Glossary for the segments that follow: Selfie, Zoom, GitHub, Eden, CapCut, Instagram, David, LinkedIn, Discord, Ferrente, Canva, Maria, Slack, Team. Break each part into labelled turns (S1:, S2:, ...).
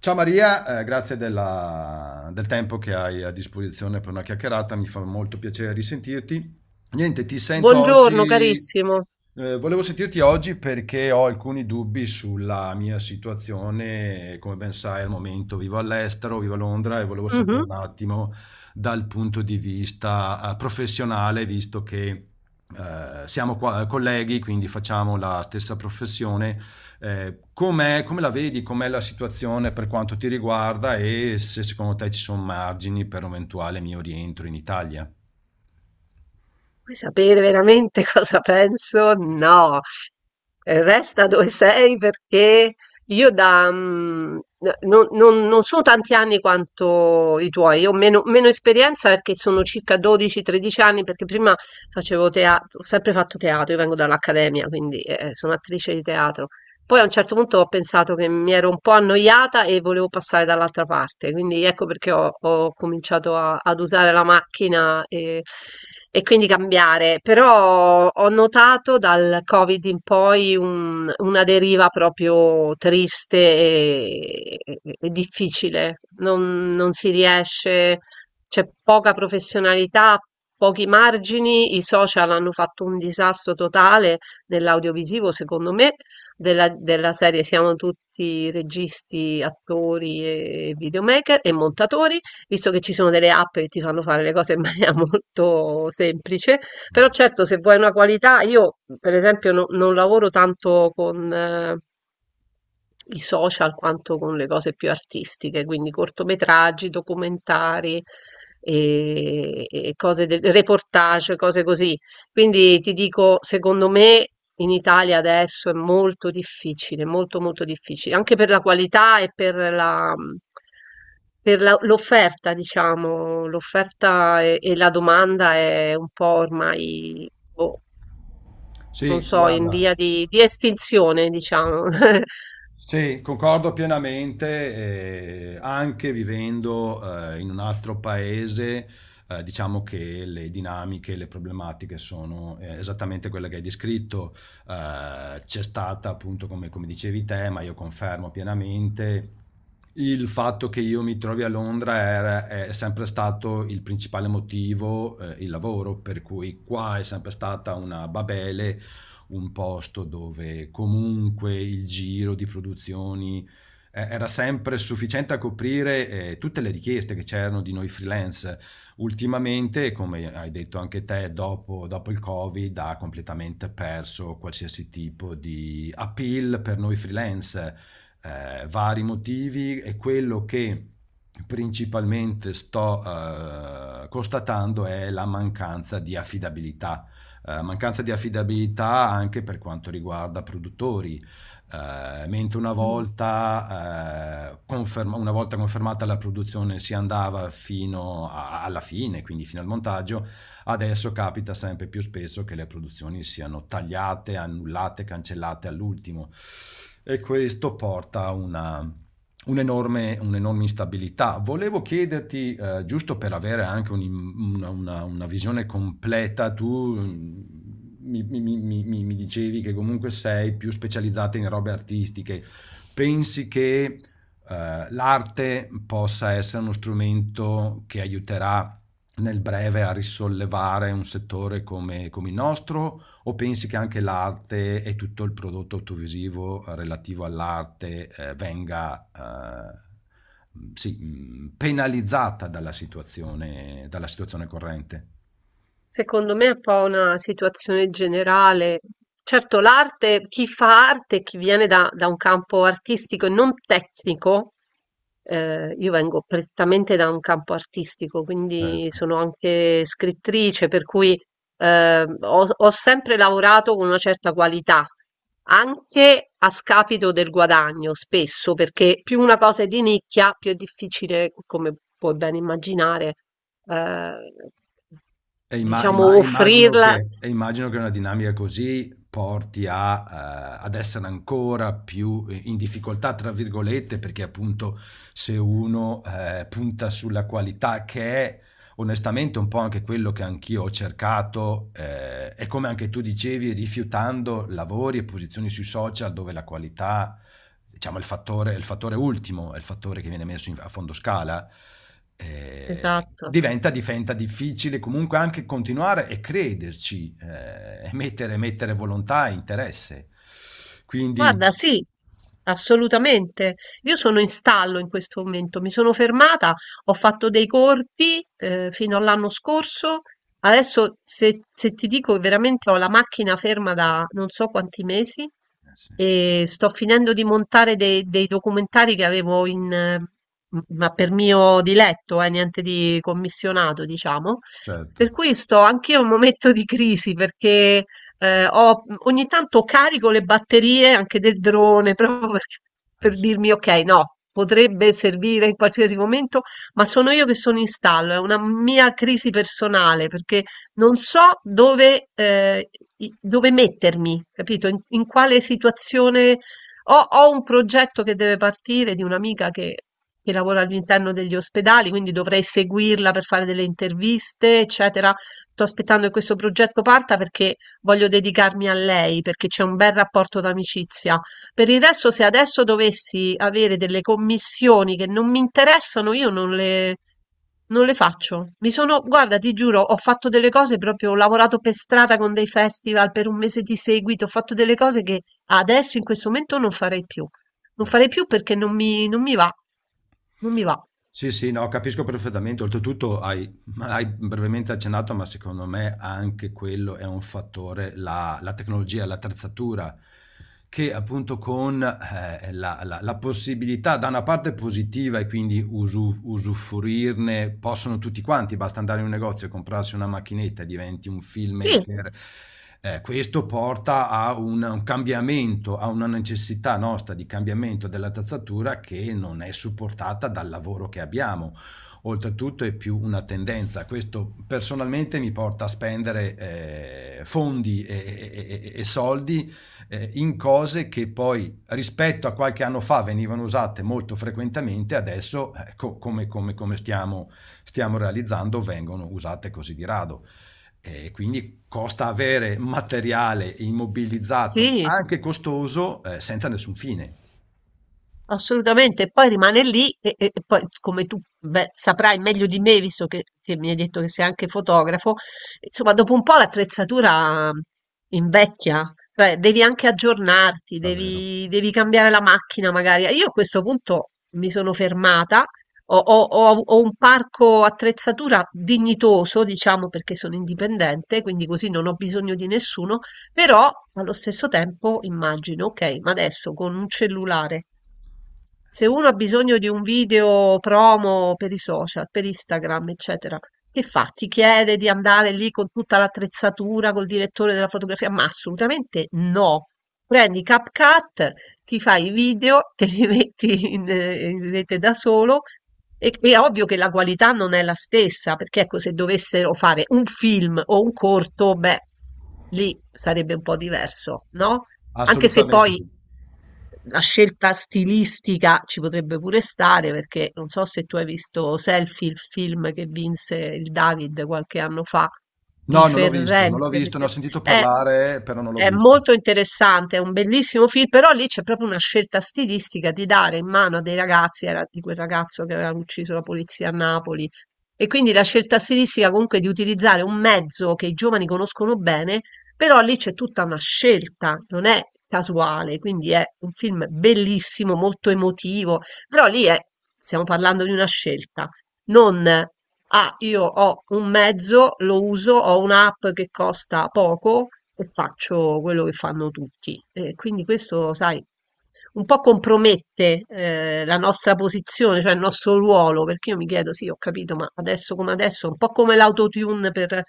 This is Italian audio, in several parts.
S1: Ciao Maria, grazie del tempo che hai a disposizione per una chiacchierata, mi fa molto piacere risentirti. Niente, ti sento
S2: Buongiorno
S1: oggi,
S2: carissimo.
S1: volevo sentirti oggi perché ho alcuni dubbi sulla mia situazione. Come ben sai, al momento vivo all'estero, vivo a Londra e volevo sapere
S2: Mh-mh.
S1: un attimo dal punto di vista, professionale, visto che, colleghi, quindi facciamo la stessa professione come la vedi, com'è la situazione per quanto ti riguarda e se secondo te ci sono margini per un eventuale mio rientro in Italia?
S2: Vuoi sapere veramente cosa penso? No. Resta dove sei perché io da mhmm, n non non non sono tanti anni quanto i tuoi. Io ho meno esperienza perché sono circa 12, 13 anni, perché prima facevo teat ho sempre fatto teatro. Io vengo dall'accademia, quindi, sono attrice di teatro. Poi a un certo punto ho pensato che mi ero un po' annoiata e volevo passare dall'altra parte, quindi ecco perché ho cominciato ad usare la macchina e quindi cambiare. Però ho notato dal Covid in poi una deriva proprio triste e difficile. Non si riesce, c'è poca professionalità, pochi margini, i social hanno fatto un disastro totale nell'audiovisivo, secondo me, della serie siamo tutti registi, attori e videomaker e montatori, visto che ci sono delle app che ti fanno fare le cose in maniera molto semplice. Però certo, se vuoi una qualità, io per esempio non lavoro tanto con i social, quanto con le cose più artistiche, quindi cortometraggi, documentari e cose del reportage, cose così. Quindi ti dico, secondo me in Italia adesso è molto difficile, molto molto difficile, anche per la qualità e per l'offerta, diciamo, l'offerta e la domanda è un po' ormai, boh, non
S1: Sì,
S2: so, in
S1: guarda.
S2: via di estinzione, diciamo.
S1: Sì, concordo pienamente, anche vivendo in un altro paese, diciamo che le dinamiche, le problematiche sono esattamente quelle che hai descritto. C'è stata appunto, come, come dicevi te, ma io confermo pienamente, il fatto che io mi trovi a Londra è sempre stato il principale motivo, il lavoro, per cui qua è sempre stata una babele, un posto dove comunque il giro di produzioni era sempre sufficiente a coprire tutte le richieste che c'erano di noi freelance. Ultimamente, come hai detto anche te, dopo il Covid ha completamente perso qualsiasi tipo di appeal per noi freelance, vari motivi e quello che principalmente sto constatando è la mancanza di affidabilità, mancanza di affidabilità anche per quanto riguarda produttori. Mentre una volta, una volta confermata la produzione si andava alla fine, quindi fino al montaggio, adesso capita sempre più spesso che le produzioni siano tagliate, annullate, cancellate all'ultimo e questo porta a una un'enorme, un'enorme instabilità. Volevo chiederti, giusto per avere anche una visione completa, tu mi dicevi che comunque sei più specializzata in robe artistiche. Pensi che l'arte possa essere uno strumento che aiuterà nel breve a risollevare un settore come come il nostro? O pensi che anche l'arte e tutto il prodotto audiovisivo relativo all'arte, venga, sì, penalizzata dalla situazione, dalla situazione corrente?
S2: Secondo me è un po' una situazione generale. Certo, l'arte, chi fa arte, chi viene da un campo artistico e non tecnico. Io vengo prettamente da un campo artistico,
S1: Cioè
S2: quindi sono anche scrittrice, per cui ho sempre lavorato con una certa qualità, anche a scapito del guadagno, spesso, perché più una cosa è di nicchia, più è difficile, come puoi ben immaginare, eh, diciamo,
S1: Immagino
S2: offrirla.
S1: che, e immagino che una dinamica così porti a, ad essere ancora più in difficoltà, tra virgolette, perché appunto se uno punta sulla qualità, che è onestamente un po' anche quello che anch'io ho cercato, e come anche tu dicevi, rifiutando lavori e posizioni sui social dove la qualità, diciamo, il fattore ultimo, è il fattore che viene messo a fondo scala,
S2: Esatto.
S1: diventa difficile comunque anche continuare e crederci, mettere volontà e interesse. Quindi,
S2: Guarda, sì, assolutamente. Io sono in stallo in questo momento, mi sono fermata, ho fatto dei corpi fino all'anno scorso. Adesso se ti dico veramente, ho la macchina ferma da non so quanti mesi
S1: eh sì,
S2: e sto finendo di montare dei documentari che avevo ma per mio diletto, niente di commissionato, diciamo.
S1: certo.
S2: Per cui sto anch'io in un momento di crisi perché ogni tanto carico le batterie anche del drone proprio per,
S1: Eh
S2: per
S1: sì,
S2: dirmi ok, no, potrebbe servire in qualsiasi momento, ma sono io che sono in stallo, è una mia crisi personale perché non so dove mettermi, capito? In quale situazione ho un progetto che deve partire di un'amica che lavora all'interno degli ospedali, quindi dovrei seguirla per fare delle interviste, eccetera. Sto aspettando che questo progetto parta perché voglio dedicarmi a lei perché c'è un bel rapporto d'amicizia. Per il resto, se adesso dovessi avere delle commissioni che non mi interessano, io non le faccio. Mi sono, guarda, ti giuro, ho fatto delle cose proprio, ho lavorato per strada con dei festival per un mese di seguito, ho fatto delle cose che adesso in questo momento non farei più. Non
S1: eh sì.
S2: farei più perché non mi va. Non mi va.
S1: Sì, sì, no, capisco perfettamente. Oltretutto hai, ma hai brevemente accennato, ma secondo me anche quello è un fattore, la tecnologia, l'attrezzatura che appunto con, la possibilità da una parte positiva e quindi usufruirne possono tutti quanti, basta andare in un negozio e comprarsi una macchinetta e diventi un
S2: Sì,
S1: filmmaker. Questo porta a un cambiamento, a una necessità nostra di cambiamento dell'attrezzatura che non è supportata dal lavoro che abbiamo. Oltretutto è più una tendenza, questo personalmente mi porta a spendere fondi e, e soldi in cose che poi rispetto a qualche anno fa venivano usate molto frequentemente, adesso come, come stiamo, stiamo realizzando vengono usate così di rado. E quindi costa avere materiale immobilizzato,
S2: sì.
S1: anche costoso, senza nessun fine.
S2: Assolutamente, poi rimane lì e poi, come tu beh, saprai meglio di me, visto che mi hai detto che sei anche fotografo, insomma, dopo un po' l'attrezzatura invecchia, cioè devi anche aggiornarti,
S1: Davvero.
S2: devi cambiare la macchina magari. Io a questo punto mi sono fermata, ho un parco attrezzatura dignitoso, diciamo, perché sono indipendente, quindi così non ho bisogno di nessuno, però allo stesso tempo immagino, ok, ma adesso con un cellulare, se
S1: Sì.
S2: uno ha bisogno di un video promo per i social, per Instagram, eccetera, che fa? Ti chiede di andare lì con tutta l'attrezzatura, col direttore della fotografia? Ma assolutamente no. Prendi CapCut, ti fai i video, te li metti in rete da solo. E, è ovvio che la qualità non è la stessa, perché ecco, se dovessero fare un film o un corto, beh, lì sarebbe un po' diverso, no? Anche se
S1: Assolutamente
S2: poi
S1: sì.
S2: la scelta stilistica ci potrebbe pure stare perché non so se tu hai visto Selfie, il film che vinse il David qualche anno fa di
S1: No, non l'ho visto, non l'ho
S2: Ferrente.
S1: visto, ne ho sentito
S2: È,
S1: parlare, però non l'ho
S2: è
S1: visto.
S2: molto interessante, è un bellissimo film, però lì c'è proprio una scelta stilistica di dare in mano a dei ragazzi, era di quel ragazzo che aveva ucciso la polizia a Napoli. E quindi la scelta stilistica, comunque, di utilizzare un mezzo che i giovani conoscono bene, però lì c'è tutta una scelta, non è casuale, quindi è un film bellissimo, molto emotivo, però lì è, stiamo parlando di una scelta, non ah, io ho un mezzo, lo uso, ho un'app che costa poco e faccio quello che fanno tutti. E quindi questo, sai, un po' compromette la nostra posizione, cioè il nostro ruolo, perché io mi chiedo, sì, ho capito, ma adesso come adesso, un po' come l'autotune per,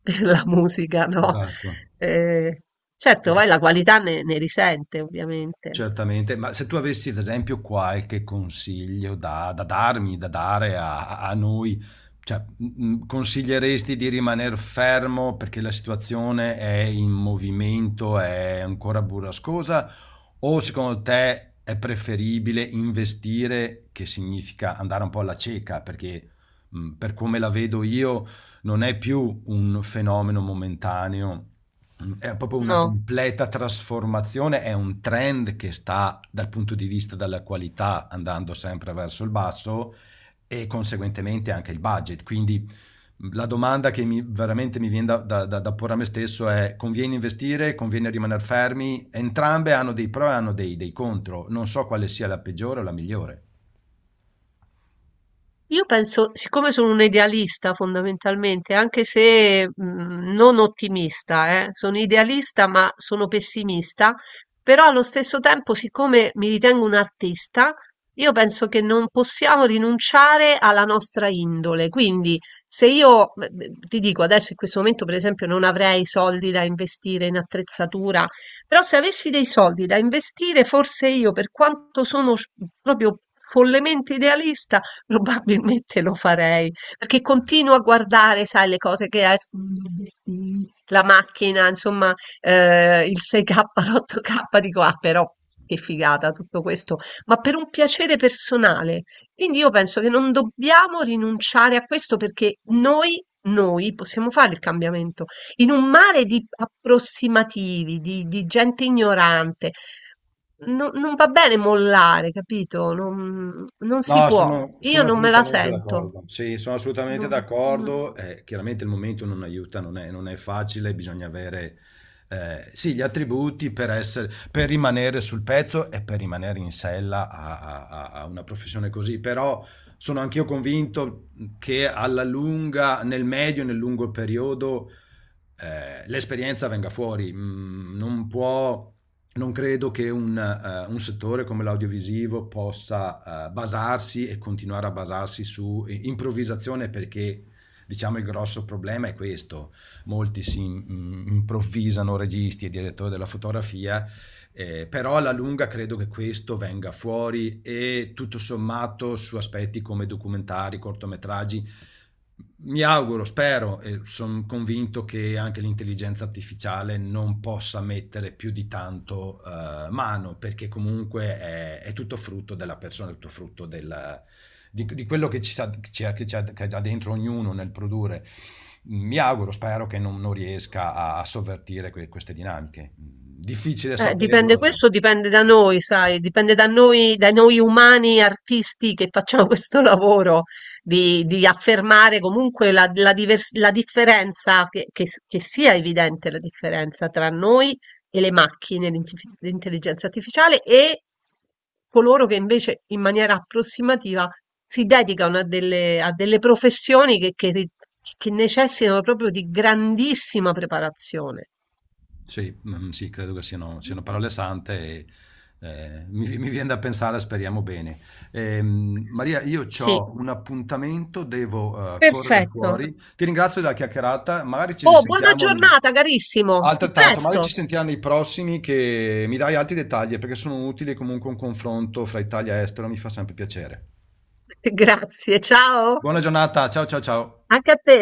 S2: per la musica, no?
S1: Esatto.
S2: Eh, certo,
S1: Esa-
S2: poi la qualità ne risente, ovviamente.
S1: Certamente. Ma se tu avessi, ad esempio, qualche consiglio da, da darmi, da dare a, a noi, cioè, consiglieresti di rimanere fermo perché la situazione è in movimento, è ancora burrascosa? O secondo te è preferibile investire, che significa andare un po' alla cieca, perché per come la vedo io non è più un fenomeno momentaneo, è proprio una
S2: No?
S1: completa trasformazione, è un trend che sta dal punto di vista della qualità andando sempre verso il basso e conseguentemente anche il budget. Quindi la domanda che mi, veramente mi viene da, da porre a me stesso è: conviene investire, conviene rimanere fermi? Entrambe hanno dei pro e hanno dei, dei contro. Non so quale sia la peggiore o la migliore.
S2: Io penso, siccome sono un idealista fondamentalmente, anche se non ottimista, sono idealista ma sono pessimista, però allo stesso tempo, siccome mi ritengo un artista, io penso che non possiamo rinunciare alla nostra indole. Quindi, se io, beh, ti dico adesso in questo momento, per esempio, non avrei soldi da investire in attrezzatura, però se avessi dei soldi da investire, forse io, per quanto sono proprio follemente idealista, probabilmente lo farei, perché continuo a guardare, sai, le cose che escono, gli obiettivi, la macchina, insomma, il 6K, l'8K, dico, ah, però che figata tutto questo, ma per un piacere personale. Quindi io penso che non dobbiamo rinunciare a questo perché noi possiamo fare il cambiamento. In un mare di approssimativi, di gente ignorante, non va bene mollare, capito? Non si
S1: No,
S2: può.
S1: sono,
S2: Io
S1: sono
S2: non me la
S1: assolutamente
S2: sento.
S1: d'accordo. Sì, sono assolutamente
S2: Non- mm.
S1: d'accordo. Chiaramente il momento non aiuta, non è, non è facile, bisogna avere sì, gli attributi per essere, per rimanere sul pezzo e per rimanere in sella a, a una professione così. Però sono anch'io convinto che alla lunga, nel medio e nel lungo periodo, l'esperienza venga fuori. Mm, non può, non credo che un settore come l'audiovisivo possa basarsi e continuare a basarsi su improvvisazione, perché diciamo il grosso problema è questo. Molti si improvvisano registi e direttori della fotografia. Però alla lunga credo che questo venga fuori e tutto sommato su aspetti come documentari, cortometraggi, mi auguro, spero e son convinto che anche l'intelligenza artificiale non possa mettere più di tanto, mano, perché comunque è tutto frutto della persona, è tutto frutto del di quello che ci sa ci ha che c'ha che ha già dentro ognuno nel produrre. Mi auguro, spero che non riesca a sovvertire queste dinamiche. Mhmm, Difficile
S2: Dipende,
S1: saperlo. Eh.
S2: questo dipende da noi, sai, dipende da noi, dai noi umani artisti che facciamo questo lavoro di affermare comunque la differenza, che sia evidente la differenza tra noi e le macchine, l'intelligenza artificiale e coloro che invece in maniera approssimativa si dedicano a delle professioni che necessitano proprio di grandissima preparazione.
S1: Sì, sì, credo che siano, siano parole sante e mi, mi viene da pensare, speriamo bene. Maria, io
S2: Sì.
S1: ho un appuntamento, devo correre
S2: Perfetto.
S1: fuori. Ti ringrazio della chiacchierata, magari ci
S2: Oh, buona
S1: risentiamo.
S2: giornata carissimo. A
S1: Altrettanto, magari ci
S2: presto.
S1: sentirà nei prossimi che mi dai altri dettagli perché sono utili comunque un confronto fra Italia e estero, mi fa sempre piacere.
S2: Grazie, ciao.
S1: Buona giornata, ciao ciao ciao.
S2: Anche a te.